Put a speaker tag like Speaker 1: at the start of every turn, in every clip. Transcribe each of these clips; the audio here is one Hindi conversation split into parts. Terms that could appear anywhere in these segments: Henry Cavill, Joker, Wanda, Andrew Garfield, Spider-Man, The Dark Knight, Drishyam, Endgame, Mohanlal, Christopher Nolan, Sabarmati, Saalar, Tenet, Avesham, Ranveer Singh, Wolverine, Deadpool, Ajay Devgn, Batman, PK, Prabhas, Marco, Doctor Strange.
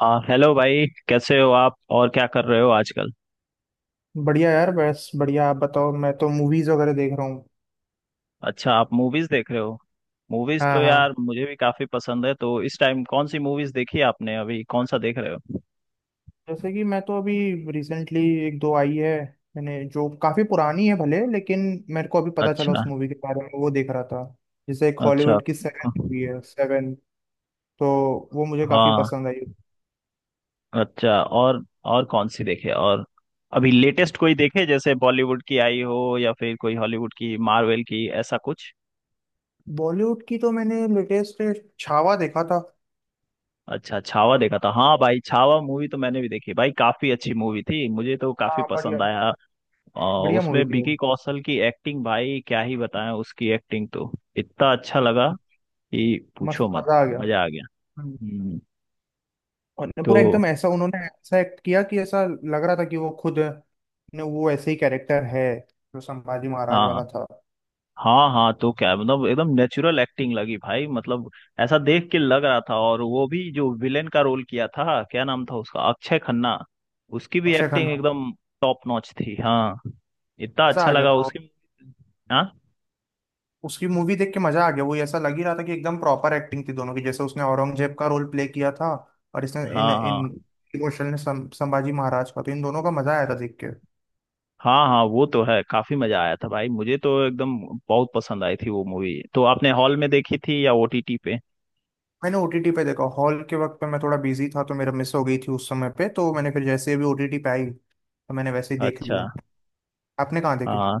Speaker 1: हाँ, हेलो भाई, कैसे हो आप? और क्या कर रहे हो आजकल?
Speaker 2: बढ़िया यार, बस बढ़िया। आप बताओ, मैं तो मूवीज वगैरह देख रहा हूँ।
Speaker 1: अच्छा, आप मूवीज देख रहे हो। मूवीज
Speaker 2: हाँ
Speaker 1: तो
Speaker 2: हाँ।
Speaker 1: यार मुझे भी काफी पसंद है, तो इस टाइम कौन सी मूवीज देखी आपने? अभी कौन सा देख रहे हो?
Speaker 2: जैसे कि मैं तो अभी रिसेंटली एक दो आई है मैंने, जो काफी पुरानी है भले, लेकिन मेरे को अभी पता चला उस
Speaker 1: अच्छा।
Speaker 2: मूवी के बारे में, वो देख रहा था। जैसे एक
Speaker 1: अच्छा।
Speaker 2: हॉलीवुड की सेवन मूवी है, सेवन। तो वो मुझे काफी
Speaker 1: हाँ।
Speaker 2: पसंद आई।
Speaker 1: अच्छा, और? और कौन सी देखे, और अभी लेटेस्ट कोई देखे? जैसे बॉलीवुड की आई हो या फिर कोई हॉलीवुड की, मार्वेल की, ऐसा कुछ?
Speaker 2: बॉलीवुड की तो मैंने लेटेस्ट छावा देखा था।
Speaker 1: अच्छा, छावा देखा था। हाँ भाई, छावा मूवी तो मैंने भी देखी भाई, काफी अच्छी मूवी थी, मुझे तो काफी
Speaker 2: हाँ बढ़िया।
Speaker 1: पसंद आया। अ,
Speaker 2: बढ़िया
Speaker 1: उसमें
Speaker 2: मूवी थी वो।
Speaker 1: विकी कौशल की एक्टिंग, भाई क्या ही बताएं, उसकी एक्टिंग तो इतना अच्छा लगा
Speaker 2: हाँ,
Speaker 1: कि
Speaker 2: मस्त
Speaker 1: पूछो मत।
Speaker 2: मजा आ गया।
Speaker 1: मजा आ गया।
Speaker 2: हम्म।
Speaker 1: हम्म,
Speaker 2: और ना,
Speaker 1: तो
Speaker 2: पूरा एकदम ऐसा उन्होंने ऐसा एक्ट किया कि ऐसा लग रहा था कि वो खुद ने, वो ऐसे ही कैरेक्टर है जो संभाजी महाराज
Speaker 1: हाँ
Speaker 2: वाला था।
Speaker 1: हाँ, हाँ तो क्या मतलब, एकदम नेचुरल एक्टिंग लगी भाई, मतलब ऐसा देख के लग रहा था। और वो भी जो विलेन का रोल किया था, क्या नाम था उसका, अक्षय खन्ना, उसकी भी
Speaker 2: अक्षय
Speaker 1: एक्टिंग
Speaker 2: खन्ना।
Speaker 1: एकदम टॉप नॉच थी। हाँ, इतना
Speaker 2: मजा
Speaker 1: अच्छा
Speaker 2: आ गया
Speaker 1: लगा
Speaker 2: था।
Speaker 1: उसकी। हाँ
Speaker 2: उसकी मूवी देख के मजा आ गया, वो ऐसा लग ही रहा था कि एकदम प्रॉपर एक्टिंग थी दोनों की, जैसे उसने औरंगजेब का रोल प्ले किया था, और इसने इन
Speaker 1: हाँ
Speaker 2: इन
Speaker 1: हाँ।
Speaker 2: इमोशनल ने संभाजी महाराज का, तो इन दोनों का मजा आया था देख के।
Speaker 1: हाँ हाँ, वो तो है, काफी मजा आया था भाई, मुझे तो एकदम बहुत पसंद आई थी वो मूवी। तो आपने हॉल में देखी थी या ओटीटी पे?
Speaker 2: मैंने ओटीटी पे देखा, हॉल के वक्त पे मैं थोड़ा बिजी था तो मेरा मिस हो गई थी उस समय पे, तो मैंने फिर जैसे ही भी ओटीटी पे आई तो मैंने वैसे ही देख
Speaker 1: अच्छा।
Speaker 2: लिया। आपने कहाँ देखी?
Speaker 1: हाँ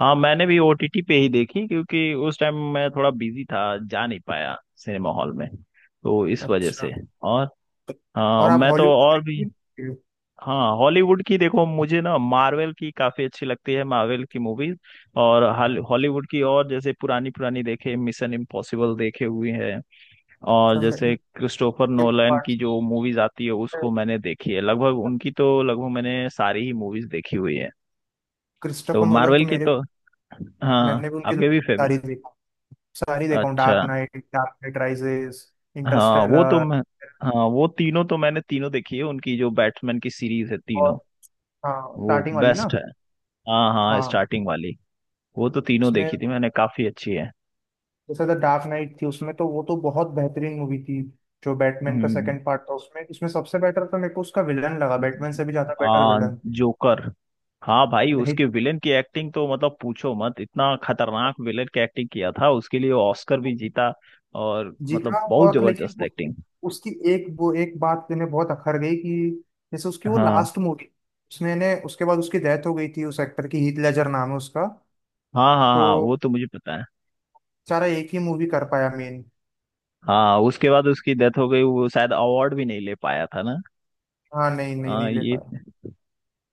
Speaker 1: हाँ, मैंने भी ओटीटी पे ही देखी, क्योंकि उस टाइम मैं थोड़ा बिजी था, जा नहीं पाया सिनेमा हॉल में, तो इस वजह
Speaker 2: अच्छा।
Speaker 1: से। और हाँ,
Speaker 2: और आप
Speaker 1: मैं तो
Speaker 2: हॉलीवुड का
Speaker 1: और भी
Speaker 2: भी देखते हो?
Speaker 1: हाँ। हॉलीवुड की देखो, मुझे ना मार्वल की काफी अच्छी लगती है, मार्वल की मूवीज। और हॉलीवुड की और, जैसे पुरानी पुरानी देखे मिशन इम्पॉसिबल देखे हुए हैं। और
Speaker 2: तो मैं-
Speaker 1: जैसे
Speaker 2: कितने
Speaker 1: क्रिस्टोफर नोलन
Speaker 2: parts
Speaker 1: की जो मूवीज आती है,
Speaker 2: हैं?
Speaker 1: उसको मैंने देखी है लगभग उनकी, तो लगभग मैंने सारी ही मूवीज देखी हुई है। तो
Speaker 2: क्रिस्टोफर नोलन
Speaker 1: मार्वल
Speaker 2: तो
Speaker 1: की
Speaker 2: मेरे,
Speaker 1: तो
Speaker 2: मैंने
Speaker 1: हाँ
Speaker 2: भी उनकी
Speaker 1: आपके भी फेवरेट।
Speaker 2: सारी देखा सारी देखा हूँ।
Speaker 1: अच्छा,
Speaker 2: Dark Knight, Dark Knight Rises,
Speaker 1: हाँ वो तो
Speaker 2: इंटरस्टेलर।
Speaker 1: मैं, हाँ वो तीनों तो मैंने तीनों देखी है उनकी, जो बैटमैन की सीरीज है, तीनों।
Speaker 2: और हाँ,
Speaker 1: वो
Speaker 2: स्टार्टिंग वाली ना।
Speaker 1: बेस्ट है। हाँ हाँ,
Speaker 2: हाँ।
Speaker 1: स्टार्टिंग वाली। वो तो तीनों
Speaker 2: उसमें
Speaker 1: देखी थी मैंने, काफी अच्छी है।
Speaker 2: जैसे द डार्क नाइट थी, उसमें तो वो तो बहुत बेहतरीन मूवी थी, जो बैटमैन का
Speaker 1: हम्म।
Speaker 2: सेकंड पार्ट था, उसमें उसमें सबसे बेटर तो मेरे को उसका विलन लगा, बैटमैन से भी ज्यादा बेटर।
Speaker 1: आ, जोकर। हाँ भाई,
Speaker 2: विलन
Speaker 1: उसके विलेन की एक्टिंग तो मतलब पूछो मत, इतना खतरनाक विलेन की एक्टिंग किया था, उसके लिए ऑस्कर भी जीता और
Speaker 2: जीता,
Speaker 1: मतलब बहुत
Speaker 2: और लेकिन
Speaker 1: जबरदस्त
Speaker 2: उसकी
Speaker 1: एक्टिंग।
Speaker 2: उसकी एक, वो एक बात मैंने बहुत अखर गई कि जैसे उसकी वो
Speaker 1: हाँ
Speaker 2: लास्ट मूवी, उसने ने उसके बाद उसकी डेथ हो गई थी उस एक्टर की, हीथ लेजर नाम है उसका।
Speaker 1: हाँ हाँ,
Speaker 2: तो
Speaker 1: हाँ वो तो मुझे पता है।
Speaker 2: बेचारा एक ही मूवी कर पाया मेन।
Speaker 1: हाँ, उसके बाद उसकी डेथ हो गई, वो शायद अवार्ड भी नहीं ले पाया था ना।
Speaker 2: हाँ, नहीं नहीं,
Speaker 1: हाँ
Speaker 2: नहीं ले
Speaker 1: ये,
Speaker 2: पाया।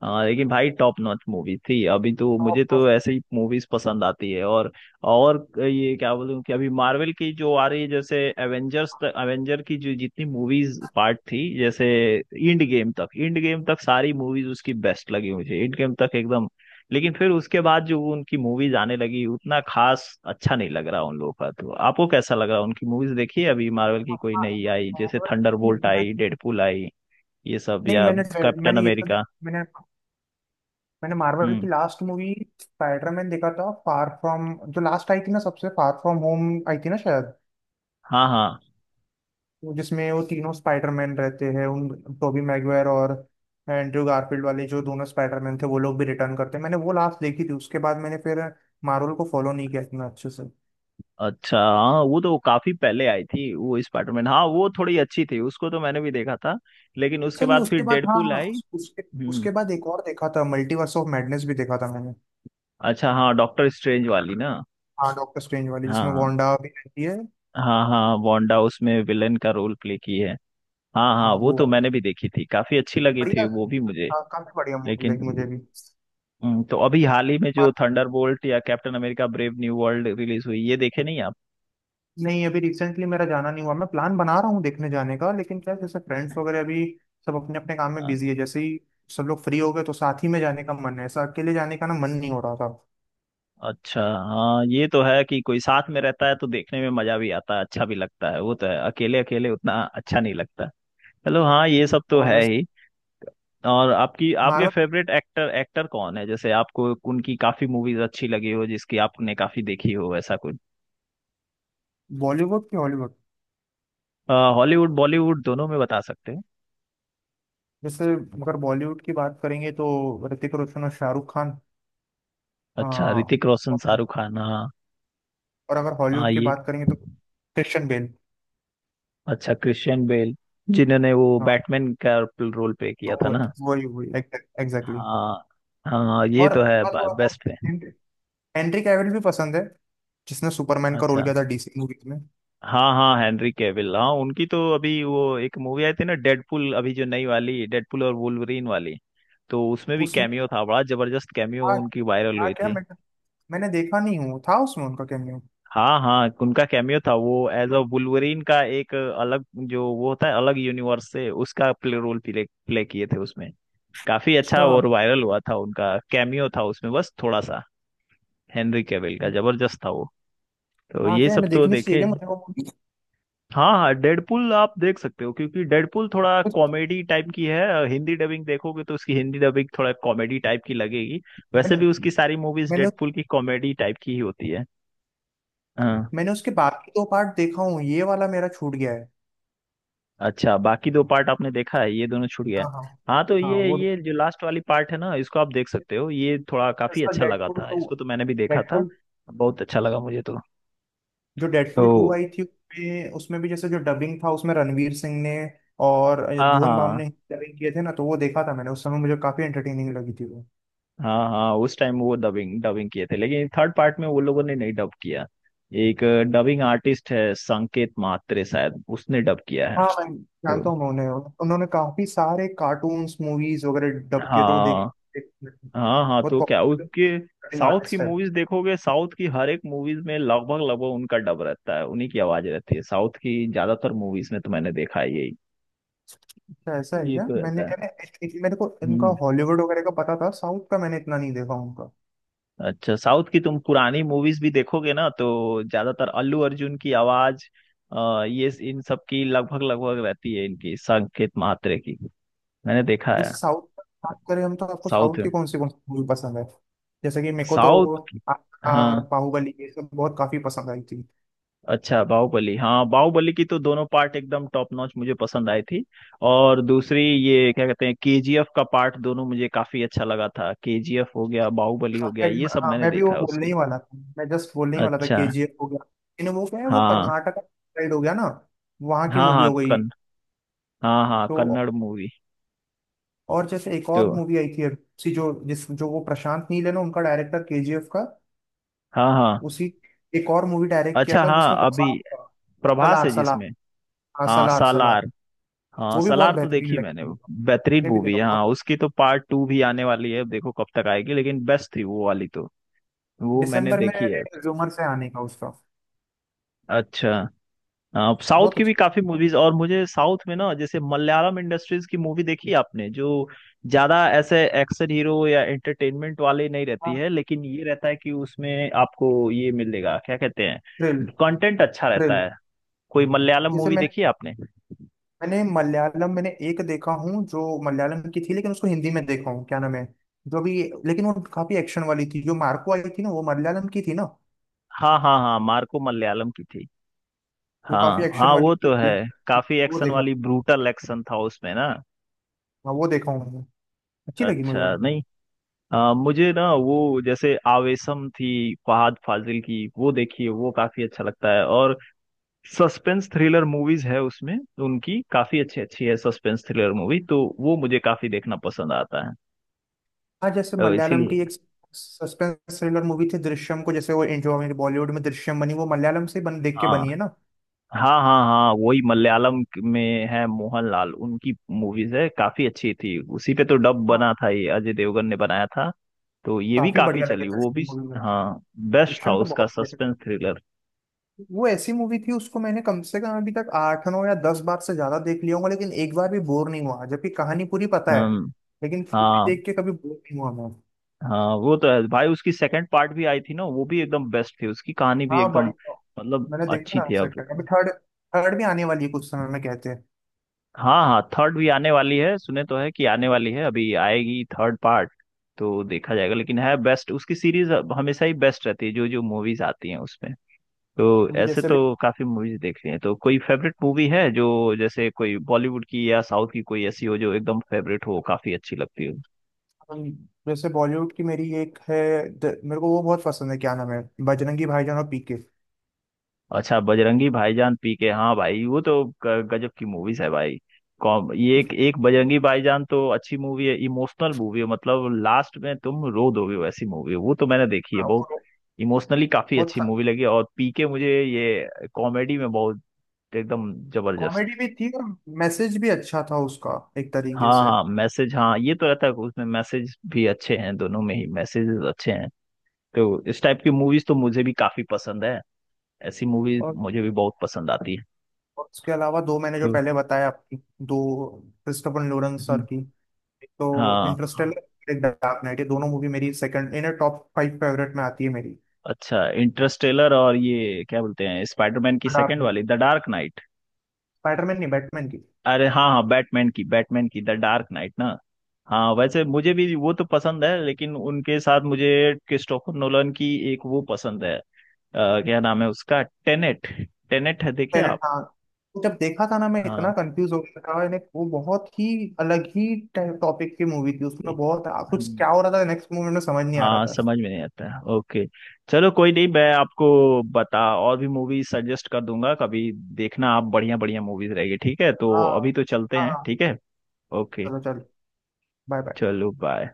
Speaker 1: हाँ लेकिन भाई टॉप नॉच मूवी थी। अभी तो मुझे
Speaker 2: Top
Speaker 1: तो ऐसे ही
Speaker 2: prospect.
Speaker 1: मूवीज पसंद आती है। और ये क्या बोलूं कि अभी मार्वल की जो आ रही है, जैसे एवेंजर्स तक, एवेंजर की जो जितनी मूवीज पार्ट थी, जैसे इंड गेम तक, इंड गेम तक सारी मूवीज उसकी बेस्ट लगी मुझे, इंड गेम तक एकदम। लेकिन फिर उसके बाद जो उनकी मूवीज आने लगी, उतना खास अच्छा नहीं लग रहा उन लोगों का। तो आपको कैसा लग रहा? उनकी मूवीज देखी है अभी मार्वल की कोई नई आई, जैसे
Speaker 2: Marvel की
Speaker 1: थंडरबोल्ट
Speaker 2: नहीं,
Speaker 1: आई, डेडपुल आई, ये सब?
Speaker 2: नहीं,
Speaker 1: या
Speaker 2: मैंने
Speaker 1: कैप्टन
Speaker 2: मैंने ये तो
Speaker 1: अमेरिका?
Speaker 2: मैंने मैंने मार्वल
Speaker 1: हम्म।
Speaker 2: की लास्ट मूवी स्पाइडरमैन देखा था, फार फ्रॉम, जो लास्ट आई थी ना सबसे, फार फ्रॉम होम आई थी ना शायद,
Speaker 1: हाँ हाँ।
Speaker 2: जिसमें वो तीनों स्पाइडरमैन रहते हैं, उन टोबी मैगवायर और एंड्रयू गारफील्ड वाले जो दोनों स्पाइडरमैन थे, वो लोग भी रिटर्न करते हैं। मैंने वो लास्ट देखी थी, उसके बाद मैंने फिर मार्वल को फॉलो नहीं किया इतना अच्छे से।
Speaker 1: अच्छा हाँ, वो तो काफी पहले आई थी वो स्पाइडरमैन, हाँ वो थोड़ी अच्छी थी, उसको तो मैंने भी देखा था। लेकिन उसके
Speaker 2: अच्छा, नहीं
Speaker 1: बाद फिर
Speaker 2: उसके बाद, हाँ
Speaker 1: डेडपूल
Speaker 2: हाँ
Speaker 1: आई।
Speaker 2: उस- उसके
Speaker 1: हम्म।
Speaker 2: उसके बाद एक और देखा था, मल्टीवर्स ऑफ मैडनेस भी देखा था मैंने।
Speaker 1: अच्छा, हाँ डॉक्टर स्ट्रेंज वाली ना।
Speaker 2: हाँ डॉक्टर स्ट्रेंज वाली, जिसमें
Speaker 1: हाँ
Speaker 2: वांडा भी रहती है।
Speaker 1: हाँ, हाँ वांडा उसमें विलन का रोल प्ले की है। हाँ हाँ,
Speaker 2: हाँ
Speaker 1: वो
Speaker 2: वो
Speaker 1: तो
Speaker 2: वाला
Speaker 1: मैंने भी देखी थी, काफी अच्छी लगी थी
Speaker 2: बढ़िया,
Speaker 1: वो भी मुझे।
Speaker 2: काफी बढ़िया मूवी
Speaker 1: लेकिन,
Speaker 2: लगी मुझे भी।
Speaker 1: तो अभी हाल ही में जो थंडरबोल्ट या Captain America Brave New World release हुई, ये देखे नहीं आप?
Speaker 2: नहीं, अभी रिसेंटली मेरा जाना नहीं हुआ, मैं प्लान बना रहा हूँ देखने जाने का, लेकिन क्या है, जैसे फ्रेंड्स वगैरह अभी सब अपने अपने काम में बिजी है, जैसे ही सब लोग फ्री हो गए तो साथ ही में जाने का मन है, ऐसा अकेले जाने का ना मन नहीं हो रहा था।
Speaker 1: अच्छा। हाँ ये तो है कि कोई साथ में रहता है तो देखने में मजा भी आता है, अच्छा भी लगता है। वो तो है, अकेले अकेले उतना अच्छा नहीं लगता। चलो, हाँ ये सब तो
Speaker 2: और
Speaker 1: है
Speaker 2: वैसे।
Speaker 1: ही। और आपकी, आपके
Speaker 2: मार्वल।
Speaker 1: फेवरेट एक्टर एक्टर कौन है, जैसे आपको उनकी काफी मूवीज अच्छी लगी हो, जिसकी आपने काफी देखी हो, ऐसा कुछ?
Speaker 2: बॉलीवुड की, हॉलीवुड।
Speaker 1: हॉलीवुड बॉलीवुड दोनों में बता सकते हैं।
Speaker 2: जैसे अगर बॉलीवुड की बात करेंगे तो ऋतिक रोशन और शाहरुख खान। आ,
Speaker 1: अच्छा, ऋतिक रोशन,
Speaker 2: और,
Speaker 1: शाहरुख खान। हाँ।
Speaker 2: और अगर
Speaker 1: हाँ
Speaker 2: हॉलीवुड की
Speaker 1: ये,
Speaker 2: बात करेंगे तो क्रिश्चियन बेल।
Speaker 1: अच्छा क्रिश्चियन बेल, जिन्होंने वो
Speaker 2: हाँ
Speaker 1: बैटमैन का रोल प्ले किया था
Speaker 2: वो,
Speaker 1: ना।
Speaker 2: वही वही एग्जैक्टली।
Speaker 1: हाँ हाँ, ये
Speaker 2: और
Speaker 1: तो है,
Speaker 2: और- और- और-
Speaker 1: बेस्ट है।
Speaker 2: हेनरी हेनरी कैविल भी पसंद है, जिसने सुपरमैन का रोल
Speaker 1: अच्छा।
Speaker 2: किया था डीसी मूवीज में।
Speaker 1: हाँ हाँ, हेनरी कैविल, हाँ उनकी तो अभी वो एक मूवी आई थी ना, डेडपुल, अभी जो नई वाली डेडपुल और वुल्वरीन वाली, तो उसमें भी
Speaker 2: उसमें
Speaker 1: कैमियो था बड़ा जबरदस्त, कैमियो
Speaker 2: था
Speaker 1: उनकी वायरल
Speaker 2: था
Speaker 1: हुई
Speaker 2: क्या,
Speaker 1: थी।
Speaker 2: मैं, मैंने देखा नहीं हूँ था उसमें उनका कैमियो।
Speaker 1: हाँ हाँ, उनका कैमियो था, वो एज अ वुल्वरीन का एक अलग जो वो होता है, अलग यूनिवर्स से उसका प्ले रोल प्ले, प्ले किए थे उसमें। काफी अच्छा
Speaker 2: अच्छा
Speaker 1: और वायरल हुआ था, उनका कैमियो था उसमें बस थोड़ा सा, हेनरी कैविल का जबरदस्त था वो। तो
Speaker 2: हाँ,
Speaker 1: ये
Speaker 2: क्या है,
Speaker 1: सब
Speaker 2: मैं
Speaker 1: तो
Speaker 2: देखनी चाहिए
Speaker 1: देखे।
Speaker 2: क्या मुझे वो movie?
Speaker 1: हाँ हाँ, डेडपुल आप देख सकते हो, क्योंकि डेडपुल थोड़ा
Speaker 2: कुछ-
Speaker 1: कॉमेडी टाइप की है, हिंदी डबिंग देखोगे तो उसकी हिंदी डबिंग थोड़ा कॉमेडी टाइप की लगेगी। वैसे
Speaker 2: मैंने
Speaker 1: भी उसकी सारी मूवीज
Speaker 2: मैंने
Speaker 1: डेडपुल की कॉमेडी टाइप की ही होती है। हाँ।
Speaker 2: मैंने उसके बाकी दो पार्ट देखा हूँ, ये वाला मेरा छूट गया है।
Speaker 1: अच्छा, बाकी दो पार्ट आपने देखा है, ये दोनों छूट गया है।
Speaker 2: हाँ हाँ।
Speaker 1: हाँ तो
Speaker 2: हाँ
Speaker 1: ये
Speaker 2: वो,
Speaker 1: ये जो लास्ट वाली पार्ट है ना, इसको आप देख सकते हो, ये थोड़ा काफी
Speaker 2: इसका
Speaker 1: अच्छा लगा
Speaker 2: डेडपुल
Speaker 1: था,
Speaker 2: टू,
Speaker 1: इसको तो मैंने भी देखा था।
Speaker 2: डेडपुल
Speaker 1: बहुत अच्छा लगा मुझे तो।
Speaker 2: जो
Speaker 1: तो
Speaker 2: डेडपुल टू आई थी उसमें, उसमें भी जैसे जो डबिंग था उसमें रणवीर सिंह ने और
Speaker 1: हाँ
Speaker 2: भुवन बाम ने
Speaker 1: हाँ
Speaker 2: डबिंग किए थे ना, तो वो देखा था मैंने, उस समय मुझे काफी एंटरटेनिंग लगी थी।
Speaker 1: हाँ, हाँ उस टाइम वो डबिंग डबिंग किए थे, लेकिन थर्ड पार्ट में वो लोगों ने नहीं डब किया। एक डबिंग आर्टिस्ट है, संकेत मात्रे, शायद उसने डब किया है।
Speaker 2: हाँ मैं
Speaker 1: तो
Speaker 2: जानता हूँ, मैं उन्हें। उन्होंने काफी सारे कार्टून्स मूवीज वगैरह डब के, तो वो
Speaker 1: हाँ
Speaker 2: देख।
Speaker 1: हाँ, हाँ
Speaker 2: बहुत
Speaker 1: तो क्या उसके
Speaker 2: पॉपुलर
Speaker 1: साउथ की
Speaker 2: आर्टिस्ट है।
Speaker 1: मूवीज देखोगे, साउथ की हर एक मूवीज में लगभग लगभग उनका डब रहता है, उन्हीं की आवाज रहती है साउथ की ज्यादातर मूवीज में, तो मैंने देखा है यही।
Speaker 2: अच्छा ऐसा है
Speaker 1: ये
Speaker 2: क्या,
Speaker 1: तो
Speaker 2: मैंने
Speaker 1: रहता है।
Speaker 2: मैंने actually मेरे को इनका
Speaker 1: हम्म।
Speaker 2: हॉलीवुड वगैरह का पता था, साउथ का मैंने इतना नहीं देखा उनका।
Speaker 1: अच्छा, साउथ की तुम पुरानी मूवीज भी देखोगे ना तो ज्यादातर अल्लू अर्जुन की आवाज, ये इन सब की लगभग लगभग रहती है, इनकी, संकेत मात्रे की। मैंने देखा है।
Speaker 2: जैसे साउथ का बात करें हम, तो आपको साउथ
Speaker 1: साउथ
Speaker 2: की
Speaker 1: में,
Speaker 2: कौन सी मूवी पसंद है, जैसे कि मेरे को तो
Speaker 1: साउथ,
Speaker 2: आर
Speaker 1: हाँ,
Speaker 2: बाहुबली ये सब बहुत काफी पसंद आई थी।
Speaker 1: अच्छा, बाहुबली, हाँ बाहुबली की तो दोनों पार्ट एकदम टॉप नॉच मुझे पसंद आई थी। और दूसरी, ये क्या कहते हैं, केजीएफ का पार्ट दोनों मुझे काफी अच्छा लगा था। केजीएफ हो गया, बाहुबली हो गया, ये सब
Speaker 2: हाँ,
Speaker 1: मैंने
Speaker 2: मैं भी
Speaker 1: देखा
Speaker 2: वो
Speaker 1: है
Speaker 2: बोलने
Speaker 1: उसकी।
Speaker 2: ही वाला था, मैं जस्ट बोलने ही वाला था,
Speaker 1: अच्छा।
Speaker 2: केजीएफ हो गया। इन, वो क्या है, वो
Speaker 1: हाँ
Speaker 2: कर्नाटक साइड हो गया ना, वहां की
Speaker 1: हाँ।
Speaker 2: मूवी
Speaker 1: हाँ
Speaker 2: हो गई।
Speaker 1: कन हाँ हाँ
Speaker 2: तो,
Speaker 1: कन्नड़ मूवी।
Speaker 2: और जैसे एक
Speaker 1: तो
Speaker 2: और मूवी आई थी अब, सी जो जिस जो, वो प्रशांत नील है ना, उनका डायरेक्टर केजीएफ का,
Speaker 1: हाँ हाँ।
Speaker 2: उसी एक और मूवी डायरेक्ट किया
Speaker 1: अच्छा
Speaker 2: था
Speaker 1: हाँ,
Speaker 2: जिसमें
Speaker 1: अभी
Speaker 2: प्रशांत था।
Speaker 1: प्रभास
Speaker 2: सलार,
Speaker 1: है
Speaker 2: सलार।
Speaker 1: जिसमें।
Speaker 2: हाँ,
Speaker 1: हाँ,
Speaker 2: सलार सलार।
Speaker 1: सालार। हाँ
Speaker 2: वो भी बहुत
Speaker 1: सालार तो
Speaker 2: बेहतरीन
Speaker 1: देखी मैंने।
Speaker 2: लगती है। मैंने
Speaker 1: बेहतरीन
Speaker 2: भी
Speaker 1: मूवी
Speaker 2: देखा,
Speaker 1: है, हाँ
Speaker 2: बहुत।
Speaker 1: उसकी तो पार्ट टू भी आने वाली है अब, देखो कब तक आएगी, लेकिन बेस्ट थी वो वाली तो। वो मैंने
Speaker 2: दिसंबर में
Speaker 1: देखी है।
Speaker 2: रिज्यूमर से आने का उसका।
Speaker 1: अच्छा। हाँ, साउथ
Speaker 2: बहुत
Speaker 1: की भी
Speaker 2: अच्छा।
Speaker 1: काफी मूवीज। और मुझे साउथ में ना, जैसे मलयालम इंडस्ट्रीज की मूवी देखी आपने? जो ज्यादा ऐसे एक्शन हीरो या एंटरटेनमेंट वाले नहीं रहती
Speaker 2: हाँ।
Speaker 1: है, लेकिन ये रहता है कि उसमें आपको ये मिलेगा, क्या कहते हैं,
Speaker 2: थ्रिल।
Speaker 1: कंटेंट अच्छा रहता
Speaker 2: थ्रिल।
Speaker 1: है। कोई मलयालम
Speaker 2: जैसे
Speaker 1: मूवी
Speaker 2: मैंने
Speaker 1: देखी है आपने?
Speaker 2: मैंने मलयालम मैंने एक देखा हूँ जो मलयालम की थी, लेकिन उसको हिंदी में देखा हूँ, क्या नाम है जो भी, लेकिन वो काफी एक्शन वाली थी, जो मार्को आई थी ना, वो मलयालम की थी ना,
Speaker 1: हाँ हाँ, हाँ मार्को मलयालम की थी।
Speaker 2: वो
Speaker 1: हाँ
Speaker 2: काफी एक्शन
Speaker 1: हाँ,
Speaker 2: वाली
Speaker 1: वो तो है,
Speaker 2: थी,
Speaker 1: काफी
Speaker 2: वो
Speaker 1: एक्शन
Speaker 2: देखा
Speaker 1: वाली, ब्रूटल एक्शन था उसमें ना।
Speaker 2: हाँ वो देखा हूँ मैंने, अच्छी लगी मुझे
Speaker 1: अच्छा,
Speaker 2: वो।
Speaker 1: नहीं, मुझे ना वो जैसे आवेशम थी फहाद फाजिल की, वो देखिए, वो काफी अच्छा लगता है। और सस्पेंस थ्रिलर मूवीज है उसमें, उनकी काफी अच्छी अच्छी है सस्पेंस थ्रिलर मूवी, तो वो मुझे काफी देखना पसंद आता है।
Speaker 2: हाँ, जैसे
Speaker 1: तो
Speaker 2: मलयालम की
Speaker 1: इसीलिए,
Speaker 2: एक सस्पेंस थ्रिलर मूवी थी दृश्यम, को जैसे वो जो हमारी बॉलीवुड में दृश्यम बनी, वो मलयालम से बन देख के
Speaker 1: हाँ
Speaker 2: बनी है ना।
Speaker 1: हाँ हाँ, हाँ वही मलयालम में है, मोहनलाल, उनकी मूवीज है, काफी अच्छी थी। उसी पे तो डब
Speaker 2: हाँ
Speaker 1: बना था, ये अजय देवगन ने बनाया था, तो ये भी
Speaker 2: काफी
Speaker 1: काफी
Speaker 2: बढ़िया लगे
Speaker 1: चली, वो भी।
Speaker 2: दृश्यम मूवी मेरे
Speaker 1: हाँ,
Speaker 2: को।
Speaker 1: बेस्ट था
Speaker 2: दृश्यम तो
Speaker 1: उसका
Speaker 2: बहुत बढ़िया।
Speaker 1: Suspense thriller.
Speaker 2: वो ऐसी मूवी थी, उसको मैंने कम से कम अभी तक 8, 9 या 10 बार से ज्यादा देख लिया होगा, लेकिन एक बार भी बोर नहीं हुआ जबकि कहानी पूरी पता है,
Speaker 1: हम,
Speaker 2: लेकिन फिर भी
Speaker 1: हाँ
Speaker 2: देख के कभी बोर नहीं हुआ मैं।
Speaker 1: हाँ, वो तो है भाई, उसकी सेकंड पार्ट भी आई थी ना, वो भी एकदम बेस्ट थी, उसकी कहानी भी
Speaker 2: हाँ
Speaker 1: एकदम
Speaker 2: बढ़िया।
Speaker 1: मतलब
Speaker 2: मैंने देखा
Speaker 1: अच्छी
Speaker 2: ना
Speaker 1: थी। अब
Speaker 2: सर, अभी थर्ड, भी आने वाली है कुछ समय में कहते हैं।
Speaker 1: हाँ हाँ, थर्ड भी आने वाली है, सुने तो है कि आने वाली है, अभी आएगी थर्ड पार्ट, तो देखा जाएगा, लेकिन है बेस्ट उसकी सीरीज, हमेशा ही बेस्ट रहती है जो जो मूवीज आती हैं उसमें। तो
Speaker 2: अभी
Speaker 1: ऐसे
Speaker 2: जैसे भी,
Speaker 1: तो काफी मूवीज देख ली हैं, तो कोई फेवरेट मूवी है जो, जैसे कोई बॉलीवुड की या साउथ की, कोई ऐसी हो जो एकदम फेवरेट हो, काफी अच्छी लगती हो?
Speaker 2: हम- जैसे बॉलीवुड की मेरी एक है, मेरे को वो बहुत पसंद है, क्या नाम है, बजरंगी भाईजान और पीके।
Speaker 1: अच्छा, बजरंगी भाईजान, पी के, हाँ भाई वो तो गजब की मूवीज है भाई। कॉम ये एक
Speaker 2: क्योंकि
Speaker 1: एक, बजरंगी भाईजान तो अच्छी मूवी है, इमोशनल मूवी है, मतलब लास्ट में तुम रो दोगे वैसी मूवी है, वो तो मैंने देखी है बहुत।
Speaker 2: वो
Speaker 1: इमोशनली काफी
Speaker 2: बहुत
Speaker 1: अच्छी मूवी लगी। और पी के मुझे ये कॉमेडी में बहुत एकदम जबरदस्त।
Speaker 2: कॉमेडी भी थी, और मैसेज भी अच्छा था उसका, एक तरीके
Speaker 1: हाँ
Speaker 2: से।
Speaker 1: हाँ, मैसेज, हाँ ये तो रहता है उसमें, मैसेज भी अच्छे हैं, दोनों में ही मैसेजेस अच्छे हैं। तो इस टाइप की मूवीज तो मुझे भी काफी पसंद है, ऐसी मूवीज
Speaker 2: और
Speaker 1: मुझे भी बहुत पसंद आती है।
Speaker 2: उसके अलावा दो, मैंने जो पहले बताया आपकी, दो क्रिस्टोफर लोरेंस
Speaker 1: तो
Speaker 2: सर की, एक तो
Speaker 1: हाँ,
Speaker 2: इंटरस्टेलर, एक डार्क नाइट, ये दोनों मूवी मेरी सेकंड इनर टॉप 5 फेवरेट में आती है मेरी।
Speaker 1: अच्छा, इंटरस्टेलर, और ये क्या बोलते हैं, स्पाइडरमैन की
Speaker 2: डार्क
Speaker 1: सेकंड वाली, द डार्क नाइट।
Speaker 2: स्पाइडरमैन नहीं, बैटमैन की।
Speaker 1: अरे हाँ हाँ, बैटमैन की, बैटमैन की द डार्क नाइट ना। हाँ, वैसे मुझे भी वो तो पसंद है, लेकिन उनके साथ मुझे क्रिस्टोफर नोलन की एक वो पसंद है, क्या नाम है उसका, टेनेट। टेनेट है, देखे
Speaker 2: planet,
Speaker 1: आप?
Speaker 2: हाँ। जब देखा था ना, मैं इतना
Speaker 1: हाँ।
Speaker 2: कंफ्यूज हो गया था, यानी वो बहुत ही अलग ही टॉपिक की मूवी थी, उसमें बहुत कुछ
Speaker 1: हम्म,
Speaker 2: क्या हो रहा था नेक्स्ट मूवी में, समझ नहीं आ रहा
Speaker 1: हाँ
Speaker 2: था।
Speaker 1: समझ में नहीं आता है। ओके, चलो कोई नहीं, मैं आपको बता, और भी मूवी सजेस्ट कर दूंगा कभी, देखना आप, बढ़िया बढ़िया मूवीज रहेगी। ठीक है, तो अभी
Speaker 2: हाँ
Speaker 1: तो चलते
Speaker 2: हाँ
Speaker 1: हैं।
Speaker 2: हाँ।
Speaker 1: ठीक है, ओके,
Speaker 2: चलो चलो, बाय बाय।
Speaker 1: चलो बाय।